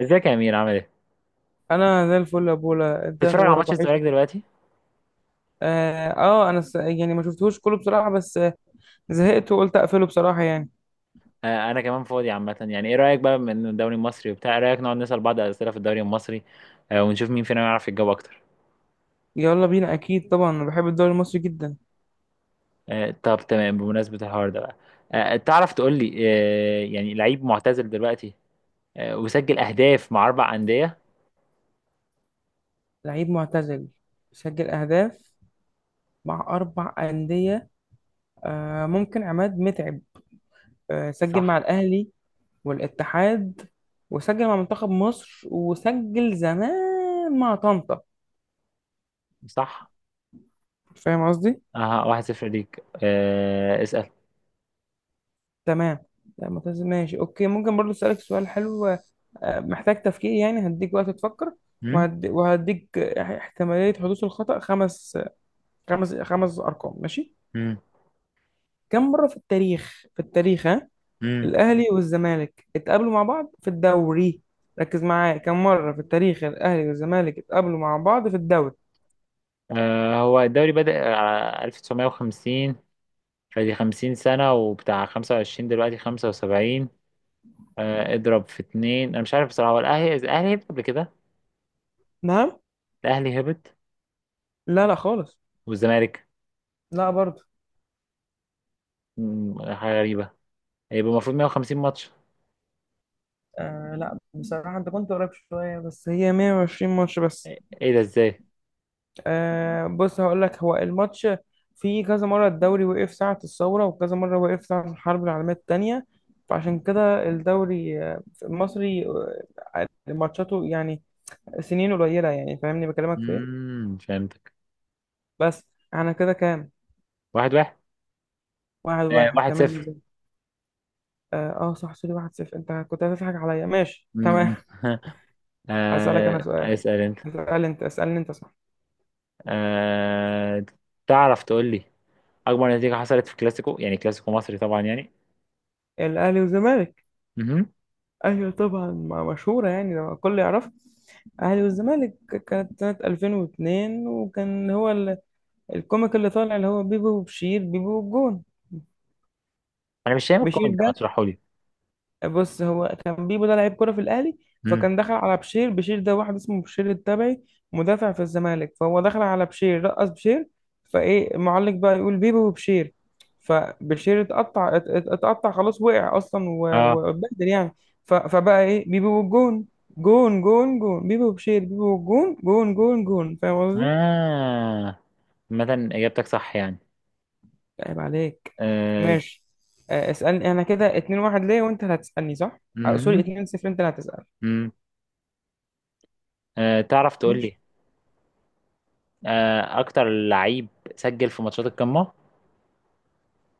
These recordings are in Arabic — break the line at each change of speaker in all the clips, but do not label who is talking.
ازيك يا امير، عامل ايه؟
انا زي الفل يا بولا، انت إيه
بتتفرج على
اخبارك
ماتش
وحش؟
الزمالك دلوقتي؟
انا يعني ما شفتهوش كله بصراحه بس زهقت وقلت اقفله بصراحه يعني.
آه، انا كمان فاضي عامه، يعني ايه رايك بقى من الدوري المصري وبتاع ايه رايك نقعد نسال بعض اسئله في الدوري المصري؟ آه، ونشوف مين فينا يعرف يجاوب اكتر.
يلا بينا، اكيد طبعا انا بحب الدوري المصري جدا.
آه، طب تمام. بمناسبه الحوار ده بقى، تعرف تقول لي يعني لعيب معتزل دلوقتي وسجل اهداف مع 4 انديه؟
لعيب معتزل، سجل اهداف مع اربع انديه. آه، ممكن عماد متعب. آه، سجل مع
صح.
الاهلي والاتحاد، وسجل مع منتخب مصر، وسجل زمان مع طنطا.
صح.
فاهم قصدي؟
اها، 1-0 ليك. اسال.
تمام. لا معتزل، ماشي اوكي، ممكن برضو اسالك سؤال حلو. محتاج تفكير يعني، هديك وقت تفكر.
امم.
وهديك احتمالية حدوث الخطأ خمس أرقام، ماشي.
امم.
كم مرة في التاريخ، ها؟
امم.
الأهلي والزمالك اتقابلوا مع بعض في الدوري. ركز معايا، كم مرة في التاريخ الأهلي والزمالك اتقابلوا مع بعض في الدوري؟
آه، هو الدوري بدأ على 1950، فدي 50 سنة، وبتاع 25 دلوقتي 75. اضرب في اتنين. أنا مش عارف بصراحة، هو الأهلي هبط قبل كده؟
نعم.
الأهلي هبط؟
لا، لا خالص.
والزمالك؟
لا برضه.
حاجة غريبة. هيبقى المفروض 150 ماتش.
لا، بصراحة انت كنت قريب شوية بس هي 120 ماتش بس.
إيه ده إزاي؟
بص هقول لك، هو الماتش في كذا مرة الدوري وقف ساعة الثورة، وكذا مرة وقف ساعة الحرب العالمية التانية. فعشان كده الدوري المصري ماتشاته يعني سنين قليلة، يعني فاهمني بكلمك في ايه.
فهمتك.
بس. احنا كده كام؟
1-1.
واحد
آه،
واحد
واحد
تمام،
صفر
زي... صح سوري، 1-0، انت كنت هتضحك عليا، ماشي تمام.
مم.
هسألك انا
آه،
سؤال.
اسأل أنت.
اسأل انت، اسألني انت، صح.
آه، تعرف تقول لي أكبر نتيجة حصلت في كلاسيكو، يعني كلاسيكو مصري طبعا، يعني.
الاهلي والزمالك.
مهم.
ايوه طبعا، مشهوره يعني، لما الكل يعرف. الاهلي والزمالك. كانت سنه 2002، وكان هو الكوميك اللي طالع، اللي هو بيبو وبشير، بيبو والجون.
أنا مش فاهم
بشير
الكومنت ده، ما
ده.
تشرحه لي؟
بص، هو كان بيبو ده لعيب كرة في الأهلي.
مم.
فكان دخل على بشير. بشير ده واحد اسمه بشير التبعي، مدافع في الزمالك. فهو دخل على بشير، رقص بشير. فإيه المعلق بقى؟ يقول بيبو وبشير. فبشير اتقطع، اتقطع خلاص، وقع أصلا
اه،
واتبهدل يعني. فبقى إيه؟ بيبو والجون، جون جون جون، بيبو وبشير، بيبو والجون جون جون جون، فاهم قصدي؟
اه. مثلا إجابتك صح يعني.
عيب عليك.
أه.
ماشي. اسألني أنا، كده 2-1 ليه؟ وأنت اللي هتسألني صح؟ سوري
مهم.
2-0، أنت اللي هتسأل.
مم. أه، تعرف تقول
ماشي.
لي. أه، أكتر لعيب سجل في ماتشات القمة؟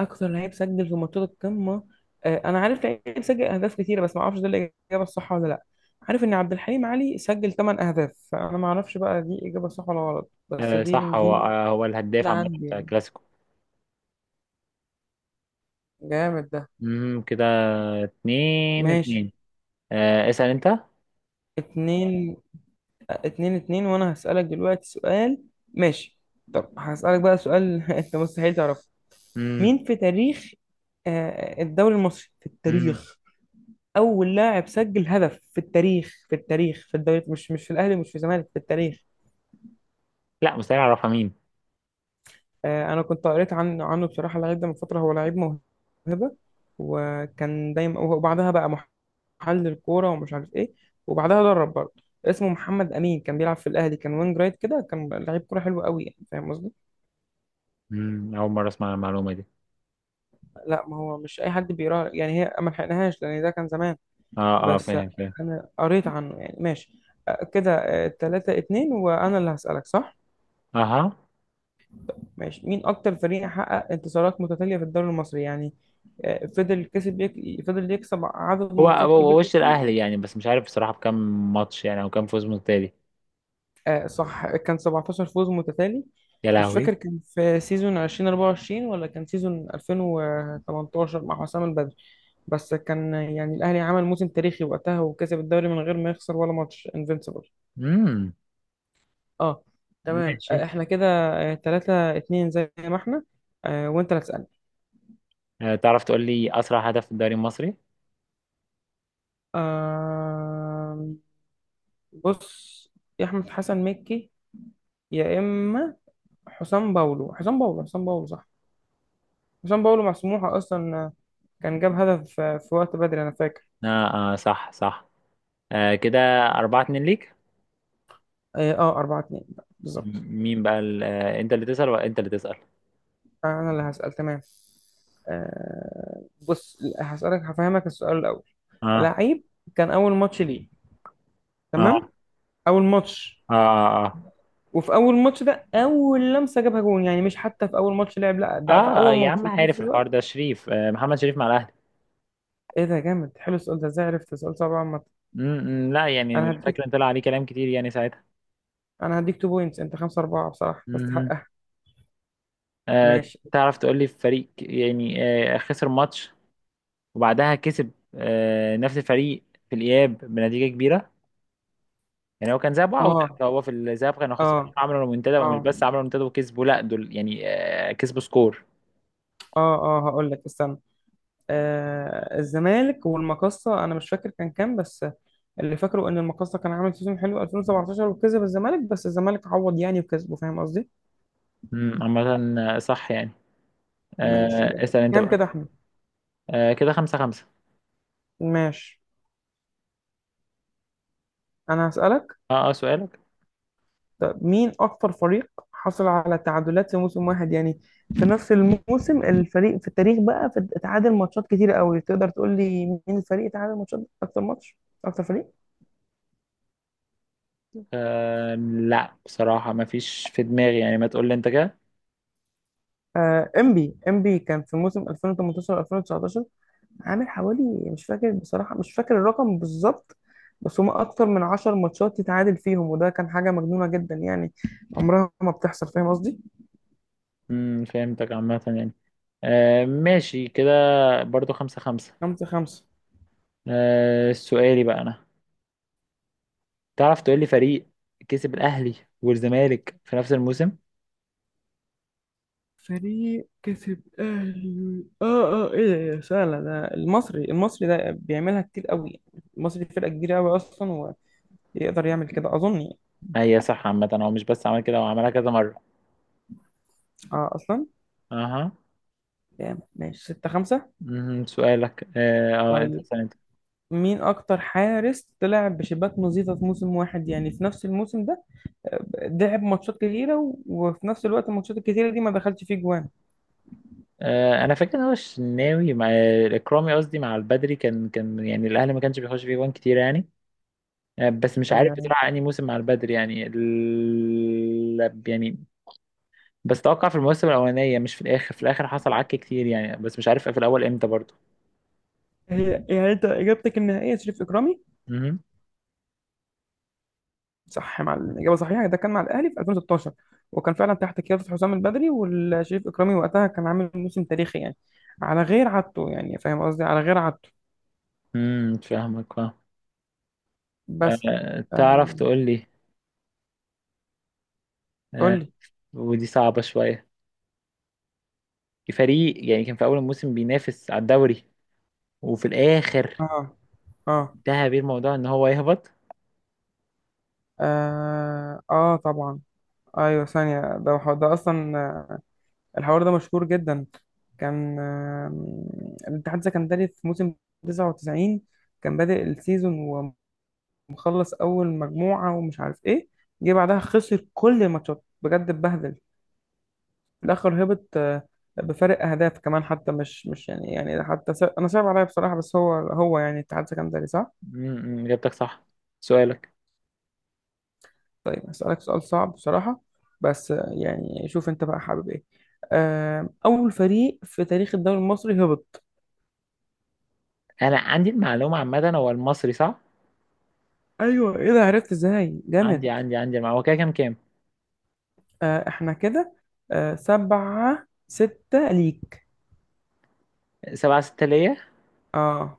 اكتر لعيب سجل في ماتشات القمه. انا عارف لعيب سجل اهداف كتيره بس ما اعرفش ده الاجابه الصح ولا لا. عارف ان عبد الحليم علي سجل 8 اهداف، فانا ما اعرفش بقى دي اجابه صح ولا غلط، بس
أه،
دي
صح. هو
دي
آه، هو الهداف
اللي
عامة
عندي
بتاع
يعني.
الكلاسيكو.
جامد ده.
مهم. كده اتنين
ماشي.
اتنين أه، اسأل أنت.
اتنين اتنين. اتنين، وانا هسألك دلوقتي سؤال. ماشي. طب هسألك بقى سؤال انت مستحيل تعرفه.
مم.
مين في تاريخ الدوري المصري في
مم.
التاريخ، اول لاعب سجل هدف في التاريخ في الدوري، مش في الاهلي، مش في الزمالك، في التاريخ؟
لا، مستحيل أعرفها، مين؟
انا كنت قريت عنه بصراحه، اللعيب ده من فتره هو لعيب موهبه، وكان دايما، وبعدها بقى محلل كوره ومش عارف ايه، وبعدها درب برضه. اسمه محمد امين، كان بيلعب في الاهلي، كان وينج رايت كده، كان لعيب كوره حلو قوي يعني، فاهم قصدي؟
مم. أول مرة أسمع المعلومة دي.
لا، ما هو مش اي حد بيقرا يعني، هي ما لحقناهاش لان ده كان زمان.
اه، اه،
بس.
فاهم فاهم.
انا قريت عنه يعني، ماشي. كده 3-2، وانا اللي هسألك، صح.
اها،
ماشي، مين أكتر فريق حقق انتصارات متتالية في الدوري المصري يعني؟ فضل يكسب عدد
هو
ماتشات
هو
كبير.
وش الأهلي يعني، بس مش عارف بصراحة بكم ماتش يعني، أو كم فوز متتالي.
صح، كان 17 فوز متتالي.
يا
مش
لهوي.
فاكر كان في سيزون 2024 ولا كان سيزون 2018 مع حسام البدري، بس كان يعني الأهلي عمل موسم تاريخي وقتها، وكسب الدوري من غير ما يخسر ولا ماتش، انفينسيبل.
امم.
اه، تمام.
ماشي.
احنا كده 3-2 زي ما احنا. وانت اللي هتسألني.
آه، تعرف تقول لي أسرع هدف في الدوري المصري؟
آه، بص، يا احمد حسن مكي، يا اما حسام باولو، حسام باولو، حسام باولو، صح. حسام باولو مع سموحه اصلا، كان جاب هدف في وقت بدري انا فاكر.
آه, آه، صح صح. آه، كده 4-2 ليك.
4-2 بالظبط.
مين بقى أنت اللي تسأل ولا أنت اللي تسأل؟
انا اللي هسأل، تمام. بص هسألك، هفهمك السؤال الأول.
آه.
لعيب كان أول ماتش ليه،
آه،
تمام. أول ماتش،
آه. آه.
وفي أول ماتش ده أول لمسة جابها جون، يعني مش حتى في أول ماتش لعب، لا ده في
آه. آه,
أول
يا
ماتش
عم
وفي نفس
عارف الحوار
الوقت.
ده شريف، آه، محمد شريف مع الأهلي.
إيه ده؟ جامد حلو السؤال ده، إزاي عرفت؟ السؤال صعب عامة.
م- م، لا،
أنا
يعني فاكر إن
هديك
طلع عليه كلام كتير يعني ساعتها.
انا هديك 2 بوينتس، انت 5-4 بصراحه
مهم.
تستحقها.
آه،
ماشي.
تعرف تقول لي فريق يعني خسر ماتش وبعدها كسب نفس الفريق في الإياب بنتيجة كبيرة؟ يعني هو كان ذهاب وعودة،
اه
فهو في الذهاب كانوا خسرانين،
اه
عملوا رومنتادا.
اه
ومش بس عملوا رومنتادا وكسبوا، لا دول يعني كسبوا سكور.
اه اه، هقول لك استنى. الزمالك والمقصه، انا مش فاكر كان كام، بس اللي فاكره ان المقصه كان عامل سيزون حلو 2017 وكسب الزمالك، بس الزمالك عوض يعني وكسبه، فاهم قصدي.
عامة. آه، صح يعني.
ماشي،
آه،
جامد.
اسأل انت
كام
بقى.
كده يا احمد؟
آه، كده 5-5.
ماشي. انا هسألك.
اه، اه، سؤالك.
طب مين أكتر فريق حصل على تعادلات في موسم واحد يعني، في نفس الموسم، الفريق في التاريخ بقى، في اتعادل ماتشات كتير قوي، تقدر تقول لي مين الفريق اتعادل ماتشات أكتر ماتش، أكتر فريق؟
آه، لا بصراحة ما فيش في دماغي يعني، ما تقول لي انت كده.
إنبي إنبي كان في موسم 2018-2019، عامل حوالي، مش فاكر بصراحة، مش فاكر الرقم بالظبط، بس هما أكتر من 10 ماتشات يتعادل فيهم، وده كان حاجة مجنونة جدا يعني، عمرها ما بتحصل، فاهم قصدي؟
فهمتك عامة يعني. آه، ماشي كده. برضو 5-5.
5-5.
آه، سؤالي بقى أنا. تعرف تقول لي فريق كسب الأهلي والزمالك في نفس الموسم؟
فريق كسب اهلي، اه اه، ايه ده؟ إيه ده؟ سهله ده، المصري. المصري ده بيعملها كتير قوي، المصري فرقه كبيره قوي اصلا، ويقدر يعمل كده اظن يعني.
هي صح عامة، هو مش بس عمل كده، هو عملها كذا مرة.
اه اصلا،
أها.
يعني ماشي 6-5.
مهم. سؤالك، انت
طيب
سألت.
مين اكتر حارس طلع بشباك نظيفه في موسم واحد يعني، في نفس الموسم ده لعب ماتشات كتيره وفي نفس الوقت الماتشات الكتيره دي ما دخلش فيه جوان؟
آه، انا فاكر ان هو الشناوي مع اكرامي، قصدي مع البدري. كان يعني الاهلي ما كانش بيخش فيه جوان كتير يعني. آه، بس مش عارف
آه،
بصراحه انهي موسم مع البدري، يعني يعني. بس توقع في الموسم الاولانيه، مش في الاخر. في الاخر حصل عك كتير يعني، بس مش عارف في الاول امتى برضه.
يعني انت اجابتك النهائيه شريف اكرامي.
امم.
صح، مع الإجابة صحيحة، ده كان مع الأهلي في 2016، وكان فعلا تحت قيادة حسام البدري، والشريف إكرامي وقتها كان عامل موسم تاريخي يعني، على غير عادته يعني، فاهم قصدي، على غير عادته.
فاهمك فاهم.
بس.
آه، تعرف
آه.
تقول لي.
قول
آه.
لي.
ودي صعبه شويه، فريق يعني كان في اول الموسم بينافس على الدوري، وفي الاخر
اه اه
انتهى بيه الموضوع ان هو يهبط؟
اه، آه طبعا، ايوه ثانية، ده اصلا الحوار ده مشهور جدا. كان الاتحاد السكندري في موسم 99، كان بادئ السيزون، مخلص اول مجموعه ومش عارف ايه، جه بعدها خسر كل الماتشات، بجد اتبهدل، في الاخر هبط بفارق اهداف كمان، حتى مش يعني حتى انا صعب عليا بصراحه، بس هو يعني اتحاد سكندري، صح.
اجابتك صح. سؤالك.
طيب هسألك سؤال صعب بصراحه، بس يعني شوف انت بقى حابب ايه. اول فريق في تاريخ الدوري المصري هبط؟
انا عندي المعلومه عامه، هو المصري، صح؟
ايوه، ايه ده؟ عرفت ازاي؟ جامد.
عندي المعلومه. هو كده كام؟
احنا كده 7-6 ليك.
7-6 ليا.
اه.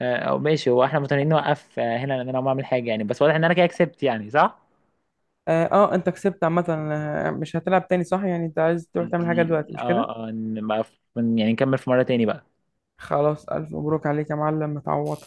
آه، او ماشي. هو احنا متنقلين نوقف هنا، لان انا ما اعمل حاجه يعني، بس واضح ان انا كده كسبت يعني، صح؟
انت كسبت عامة. مش هتلعب تاني صح؟ يعني انت عايز تروح تعمل حاجة دلوقتي، مش كده؟
اه، اه، إن ما- يعني نكمل في مره تاني بقى.
خلاص، الف مبروك عليك يا معلم، متعوض.